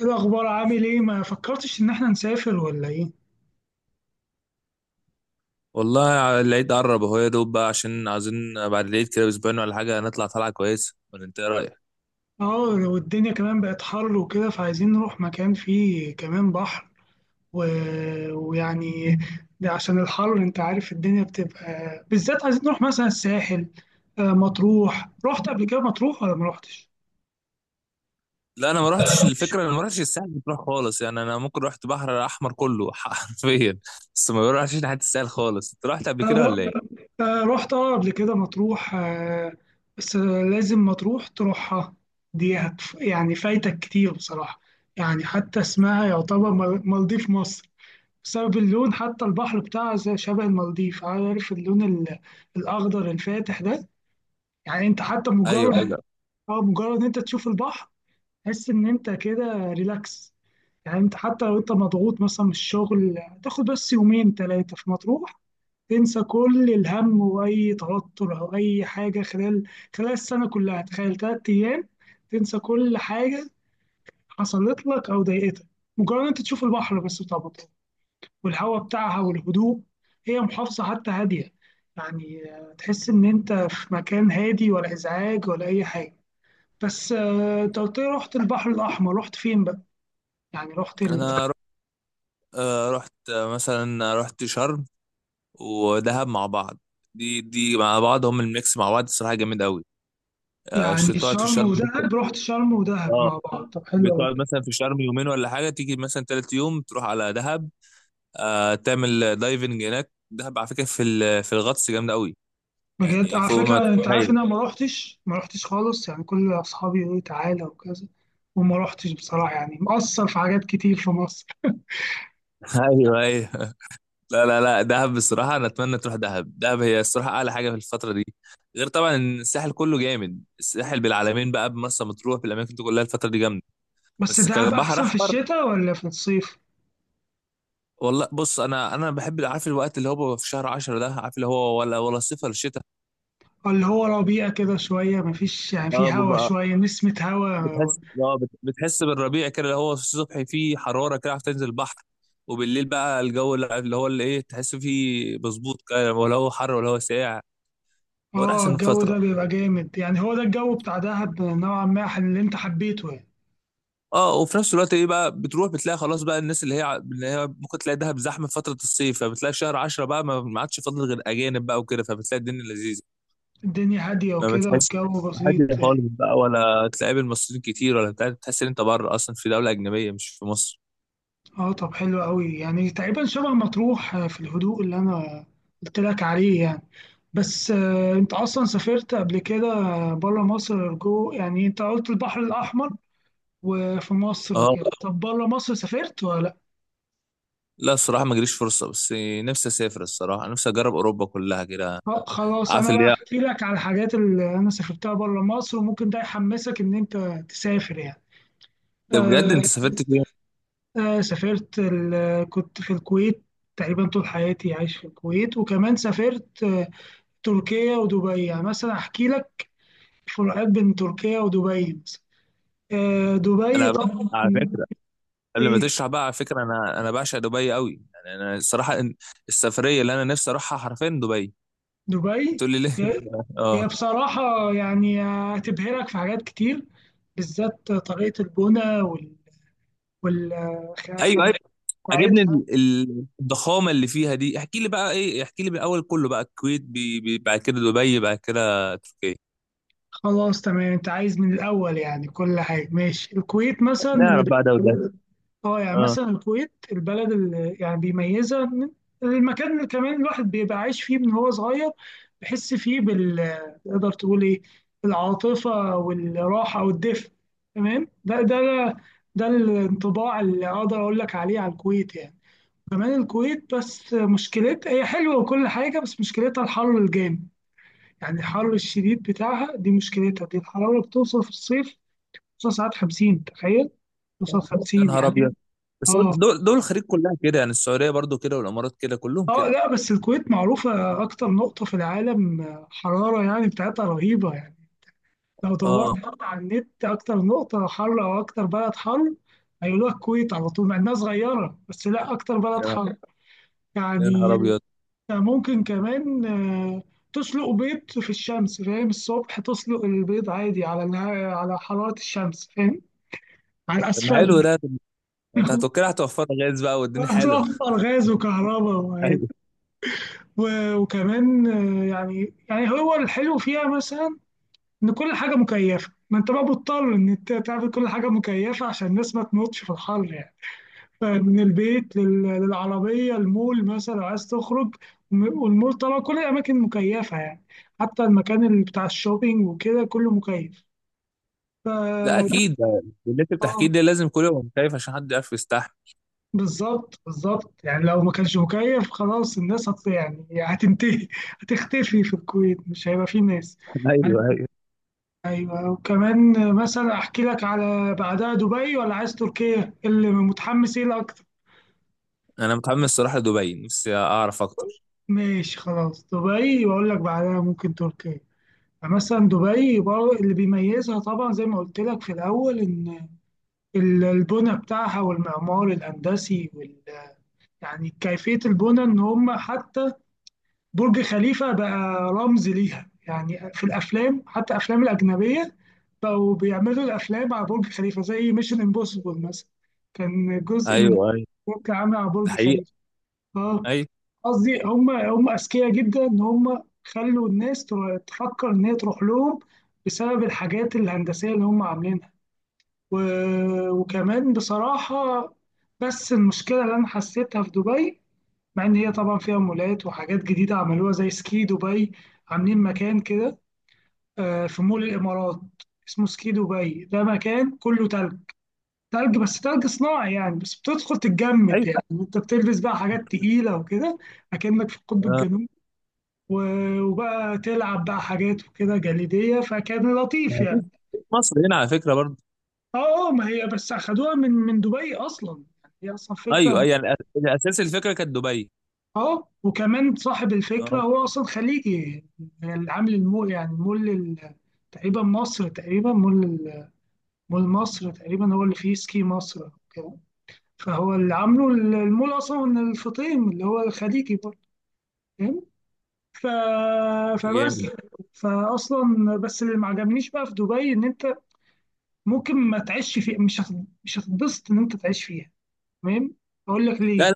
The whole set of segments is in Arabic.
إيه الأخبار؟ عامل إيه؟ ما فكرتش إن إحنا نسافر ولا إيه؟ والله العيد قرب اهو يا دوب بقى عشان عايزين بعد العيد كده باسبوعين ولا حاجه نطلع طلعه كويسه، ولا انت ايه رايك؟ آه، والدنيا كمان بقت حر وكده، فعايزين نروح مكان فيه كمان بحر. و... ويعني ده عشان الحر، أنت عارف الدنيا بتبقى، بالذات عايزين نروح مثلا الساحل. آه، مطروح رحت قبل كده مطروح ولا ما رحتش؟ لا انا ما رحتش، الفكره انا ما رحتش الساحل بتروح خالص، يعني انا ممكن رحت بحر احمر كله حرفيا. بس ما بروحش ناحيه الساحل خالص. انت رحت قبل أنا كده ب... ولا ايه؟ آه، رحت، آه، قبل كده مطروح، آه. بس لازم مطروح تروحها. دي هت... يعني فايتك كتير بصراحة. يعني حتى اسمها يعتبر مالديف مصر، بسبب اللون. حتى البحر بتاعها شبه المالديف، عارف اللون الأخضر الفاتح ده. يعني أنت حتى ايوه مجرد ايوه. أه، مجرد أنت تشوف البحر، تحس إن أنت كده ريلاكس. يعني أنت حتى لو أنت مضغوط مثلا من الشغل، تاخد بس يومين تلاتة في مطروح، تنسى كل الهم وأي توتر أو أي حاجة خلال السنة كلها. تخيل تلات أيام تنسى كل حاجة حصلت لك أو ضايقتك، مجرد أنت تشوف البحر بس، طبعا، والهواء بتاعها والهدوء. هي محافظة حتى هادية، تحس إن أنت في مكان هادي، ولا إزعاج ولا أي حاجة. بس آه، أنت قلت لي رحت البحر الأحمر، رحت فين بقى؟ يعني رحت ال... انا رحت، رحت، مثلا رحت شرم ودهب مع بعض. دي مع بعض هم، الميكس مع بعض الصراحه جامد قوي. يعني تقعد في شرم شرم. ودهب، رحت شرم ودهب اه، مع بعض؟ طب حلو بتقعد أوي. مثلا في شرم يومين ولا حاجه، تيجي مثلا تالت يوم تروح على دهب. آه تعمل دايفنج هناك. دهب على فكره في في الغطس جامده قوي، بجد؟ يعني على فوق ما فكرة أنت عارف تتخيل. إن أنا ما رحتش خالص؟ يعني كل أصحابي يقولوا لي تعالى وكذا، وما رحتش بصراحة. يعني مقصر في حاجات كتير في مصر. ايوه ايوه. لا دهب بصراحه انا اتمنى تروح دهب. دهب هي الصراحه اعلى حاجه في الفتره دي، غير طبعا إن الساحل كله جامد. الساحل بالعلمين بقى، بمرسى مطروح، بالاماكن دي كلها الفتره دي جامده، بس بس دهب كبحر أحسن في احمر. الشتاء ولا في الصيف؟ والله بص، انا بحب، عارف الوقت اللي هو بيبقى في شهر 10 ده؟ عارف اللي هو، ولا صيف ولا اللي هو ربيع كده شوية، مفيش يعني، في هوا، شتاء؟ شوية نسمة هوا. بتحس، اه، بتحس بالربيع كده، اللي هو في الصبح فيه حراره كده، عارف، تنزل البحر، وبالليل بقى الجو اللي، اللي هو ايه، تحس فيه مظبوط كده، ولا هو حر ولا هو ساقع. هو ده اه، احسن الجو فتره. ده بيبقى جامد، يعني هو ده الجو بتاع دهب نوعا ما اللي انت حبيته يعني. اه، وفي نفس الوقت ايه بقى، بتروح بتلاقي خلاص بقى الناس اللي هي، اللي هي ممكن تلاقي دهب زحمه في فتره الصيف، فبتلاقي في شهر 10 بقى ما عادش فاضل غير اجانب بقى وكده، فبتلاقي الدنيا لذيذه. الدنيا هادية ما وكده، بتحس والجو بسيط. حد خالص بقى، ولا تلاقي بالمصريين كتير ولا بتاع، بتحس ان انت بره اصلا في دوله اجنبيه مش في مصر. اه، طب حلو قوي. يعني تقريبا شبه مطروح في الهدوء اللي انا قلت لك عليه يعني. بس آه، انت اصلا سافرت قبل كده بره مصر، جو؟ يعني انت قلت البحر الاحمر وفي مصر اه. وكده، طب بره مصر سافرت ولا؟ لا الصراحة ما جريش فرصة، بس نفسي أسافر الصراحة، نفسي أجرب أوروبا كلها كده، طب خلاص، عارف انا اللي بقى هي. احكي لك على الحاجات اللي انا سافرتها بره مصر، وممكن ده يحمسك ان انت تسافر يعني. ده بجد آه، أنت سافرت فين؟ آه، سافرت كنت في الكويت تقريبا طول حياتي، عايش في الكويت. وكمان سافرت آه، تركيا ودبي. يعني مثلا احكي لك فروقات بين تركيا ودبي مثلا. آه، دبي أنا ب... طبعا، على فكرة، قبل ما ايه تشرح بقى، على فكرة أنا بعشق دبي قوي، يعني أنا الصراحة السفرية اللي أنا نفسي أروحها حرفيا دبي. دبي؟ بتقول لي ليه؟ هي هي أه. بصراحة يعني هتبهرك في حاجات كتير، بالذات طريقة البنى أيوه والخدمة أيوه. عاجبني بتاعتها. الضخامة اللي فيها دي. احكي لي بقى إيه، احكي لي من الأول كله بقى. الكويت، بعد كده دبي، بعد كده تركيا. خلاص تمام، انت عايز من الاول يعني كل حاجه، ماشي. الكويت مثلا، اللي نعرف بي- بقى ده وده. اه يعني أه. مثلا الكويت، البلد اللي يعني بيميزها من المكان اللي كمان الواحد بيبقى عايش فيه من هو صغير، بيحس فيه بال، تقدر تقول ايه، العاطفه والراحه والدفء. تمام؟ ده الانطباع اللي اقدر اقول لك عليه على الكويت يعني. كمان الكويت بس مشكلتها، هي حلوه وكل حاجه، بس مشكلتها الحر الجامد. يعني الحر الشديد بتاعها دي مشكلتها. دي الحرارة بتوصل في الصيف، بتوصل ساعات 50، تخيل، بتوصل يا 50، نهار يعني إيه؟ أبيض. بس هو اه، دول الخليج كلها كده، يعني السعوديه برضو كده والامارات كده، كلهم اه، كده. لا بس الكويت معروفة أكتر نقطة في العالم آه، حرارة، يعني بتاعتها رهيبة يعني. لو دورت اه. برضه على النت أكتر نقطة حر أو أكتر بلد حر، هيقولوا لك الكويت على طول. مع إنها صغيرة، بس لا، أكتر بلد يا حر يا نهار يعني. ابيض. ممكن كمان آه، تسلق بيض في الشمس، فاهم؟ الصبح تسلق البيض عادي على على حرارة الشمس، فاهم، على طب ما حلو الأسفل. ده، طب انت هتوكل، هتوفر غاز بقى والدنيا حلوه. هتوفر غاز وكهرباء ايوه. وكمان آه، يعني هو الحلو فيها مثلا، إن كل حاجة مكيفة. ما أنت بقى مضطر إن أنت تعمل كل حاجة مكيفة عشان الناس ما تموتش في الحر يعني. فمن البيت للعربية، المول مثلا لو عايز تخرج، والمول طبعا كل الأماكن مكيفة يعني. حتى المكان اللي بتاع الشوبينج وكده كله مكيف. ف لا اكيد ده اللي انت بتحكيه ده، لازم كل يوم خايف عشان حد يعرف يستحمل. بالظبط، بالظبط. يعني لو ما كانش مكيف، خلاص الناس هت، يعني هتنتهي، هتختفي في الكويت، مش هيبقى فيه ناس. ايوه ايوه. ايوه، وكمان مثلا احكي لك على بعدها دبي، ولا عايز تركيا؟ اللي متحمس ايه الاكتر؟ انا متحمس الصراحه لدبي، نفسي اعرف اكتر. ماشي خلاص، دبي واقول لك بعدها ممكن تركيا. فمثلا دبي برضه اللي بيميزها، طبعا زي ما قلت لك في الاول، ان البنى بتاعها والمعمار الهندسي وال، يعني كيفيه البنى. ان هم حتى برج خليفة بقى رمز ليها، يعني في الأفلام، حتى أفلام الأجنبية بقوا بيعملوا الأفلام على برج خليفة، زي ميشن امبوسيبل مثلا، كان جزء من ايوه ايوه. برج عامل على ده برج حقيقه؟ خليفة. اه. ايوه قصدي هم، هم أذكياء جدا إن هم خلوا الناس تفكر إن هي تروح لهم بسبب الحاجات الهندسية اللي هم عاملينها. و... وكمان بصراحة، بس المشكلة اللي أنا حسيتها في دبي، مع ان هي طبعا فيها مولات وحاجات جديده عملوها زي سكي دبي، عاملين مكان كده آه، في مول الامارات اسمه سكي دبي. ده مكان كله تلج، تلج بس تلج صناعي يعني. بس بتدخل تتجمد ايوه. يعني، انت بتلبس بقى حاجات تقيله وكده، اكنك في القطب آه. الجنوبي. وبقى تلعب بقى حاجات وكده جليديه. فكان لطيف ما فيش- يعني. مصر هنا على فكره برضو. اه، آه، ما هي بس اخدوها من دبي اصلا، يعني هي اصلا فكره. ايوه ايوه، يعني الاساس الفكره كانت دبي. اه، وكمان صاحب الفكرة اه. هو أصلا خليجي. العامل المو، يعني مول ال- تقريبا مصر تقريبا مول ال- مول مصر تقريبا هو اللي فيه سكي مصر كده. فهو اللي عامله المول، أصلا من الفطيم اللي هو الخليجي برضه، فاهم. ف... فبس جامد. فأصلا بس اللي ما عجبنيش بقى في دبي إن أنت ممكن ما تعيش فيها، مش مش هتتبسط إن أنت تعيش فيها، تمام؟ أقول لك لا ليه.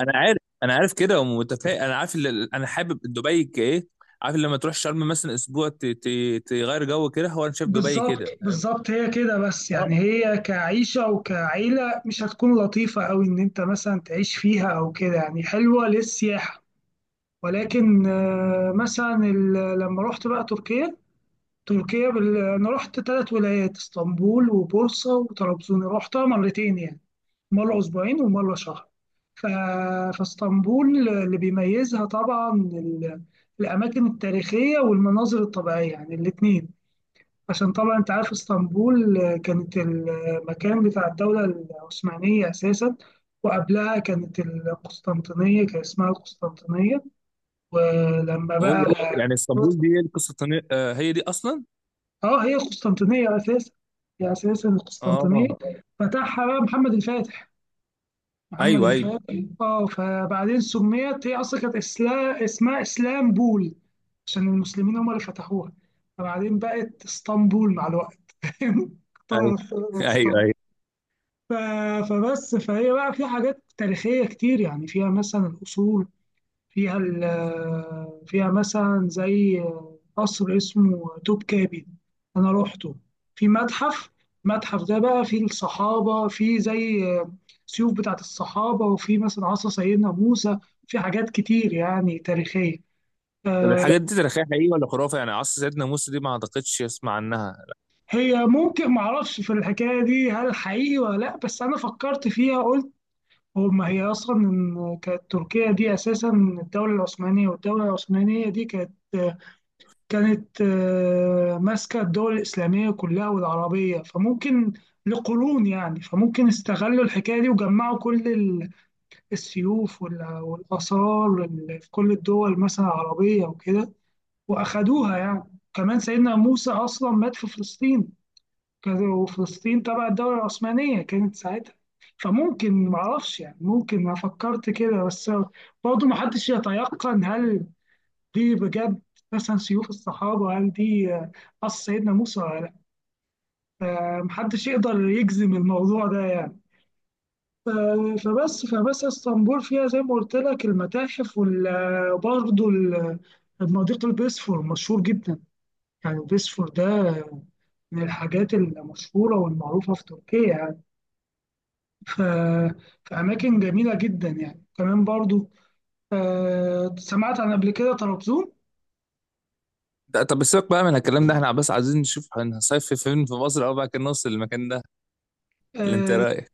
انا عارف، انا عارف كده ومتفائل، انا عارف اللي انا حابب دبي كايه. عارف لما تروح شرم مثلا اسبوع تغير جو كده، هو انا شايف دبي بالظبط كده، فاهم؟ بالظبط هي كده، بس يعني اه. هي كعيشة وكعيلة مش هتكون لطيفة أوي إن أنت مثلا تعيش فيها أو كده، يعني حلوة للسياحة. ولكن آه، مثلا لما رحت بقى تركيا، تركيا أنا رحت ثلاث ولايات، اسطنبول وبورصة وطرابزون. رحتها مرتين يعني، مرة أسبوعين ومرة شهر. ف... فاسطنبول اللي بيميزها طبعا الأماكن التاريخية والمناظر الطبيعية، يعني الاتنين. عشان طبعا انت عارف اسطنبول آه، كانت المكان بتاع الدولة العثمانية أساسا، وقبلها كانت القسطنطينية، كان اسمها القسطنطينية. ولما هو بقى، يعني اسطنبول دي هي القصه آه، هي دي اصلا. اه، هي القسطنطينية أساسا، هي أساسا القسطنطينية. اه. فتحها بقى محمد الفاتح محمد ايوه ايوه الفاتح اه، فبعدين سميت، هي أصلا اسمها اسلامبول، عشان المسلمين هم اللي فتحوها. فبعدين بقت اسطنبول مع الوقت ايوه. فاهم؟ اخترعت ايوه اسطنبول. ايوه. ف- فبس فهي بقى في حاجات تاريخية كتير يعني. فيها مثلا الأصول، فيها مثلا زي قصر اسمه توب كابي، أنا روحته. في متحف، المتحف ده بقى فيه الصحابة، فيه زي سيوف بتاعت الصحابة، وفيه مثلا عصا سيدنا موسى. في حاجات كتير يعني تاريخية. طب آه، الحاجات دي تاريخيه حقيقيه ولا خرافه؟ يعني عصر سيدنا موسى دي ما اعتقدش اسمع عنها. هي ممكن، معرفش في الحكاية دي هل حقيقي ولا لأ، بس أنا فكرت فيها، قلت هما، هي أصلا إن كانت تركيا دي أساسا الدولة العثمانية، والدولة العثمانية دي كانت، ماسكة الدول الإسلامية كلها والعربية، فممكن، لقرون يعني، فممكن استغلوا الحكاية دي وجمعوا كل السيوف والآثار في كل الدول مثلا العربية وكده، وأخدوها يعني. كمان سيدنا موسى أصلا مات في فلسطين كذا، وفلسطين تبع الدولة العثمانية كانت ساعتها. فممكن، معرفش يعني، ممكن، أنا فكرت كده بس. برضه محدش يتيقن هل دي بجد، مثلا سيوف الصحابة هل دي قص سيدنا موسى ولا لأ. محدش يقدر يجزم الموضوع ده يعني. ف- فبس فبس اسطنبول فيها زي ما قلت لك المتاحف، وبرضه المضيق البيسفور مشهور جدا. يعني البيسفور ده من الحاجات المشهورة والمعروفة في تركيا. ف- في أماكن جميلة جدا يعني. كمان برضو آه، سمعت عن قبل كده طرابزون. طب سيبك بقى من الكلام ده، احنا بس عايزين نشوف هنصيف فين في مصر او بقى كان نوصل للمكان ده. اللي انت إيه آه، رايك؟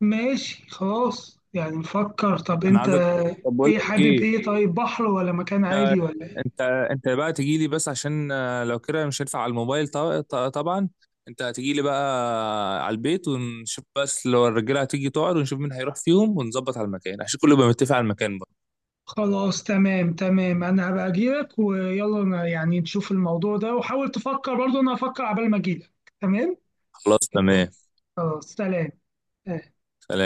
ماشي خلاص يعني نفكر. طب انا عايزك، أنت طب بقول إيه لك حابب؟ ايه. إيه، طيب، بحر ولا مكان عادي ولا إيه؟ انت، انت بقى تجي لي بس عشان، آه، لو كده مش هينفع على الموبايل طبعا. انت هتجي لي بقى على البيت ونشوف، بس لو الرجاله هتيجي تقعد، ونشوف مين هيروح فيهم، ونظبط على المكان عشان كله يبقى متفق على المكان بقى. خلاص تمام، تمام. أنا هبقى أجيلك ويلا يعني نشوف الموضوع ده، وحاول تفكر برضو، أنا هفكر عبال ما أجيلك. تمام؟ خلاص تمام. خلاص، سلام. آه. سلام.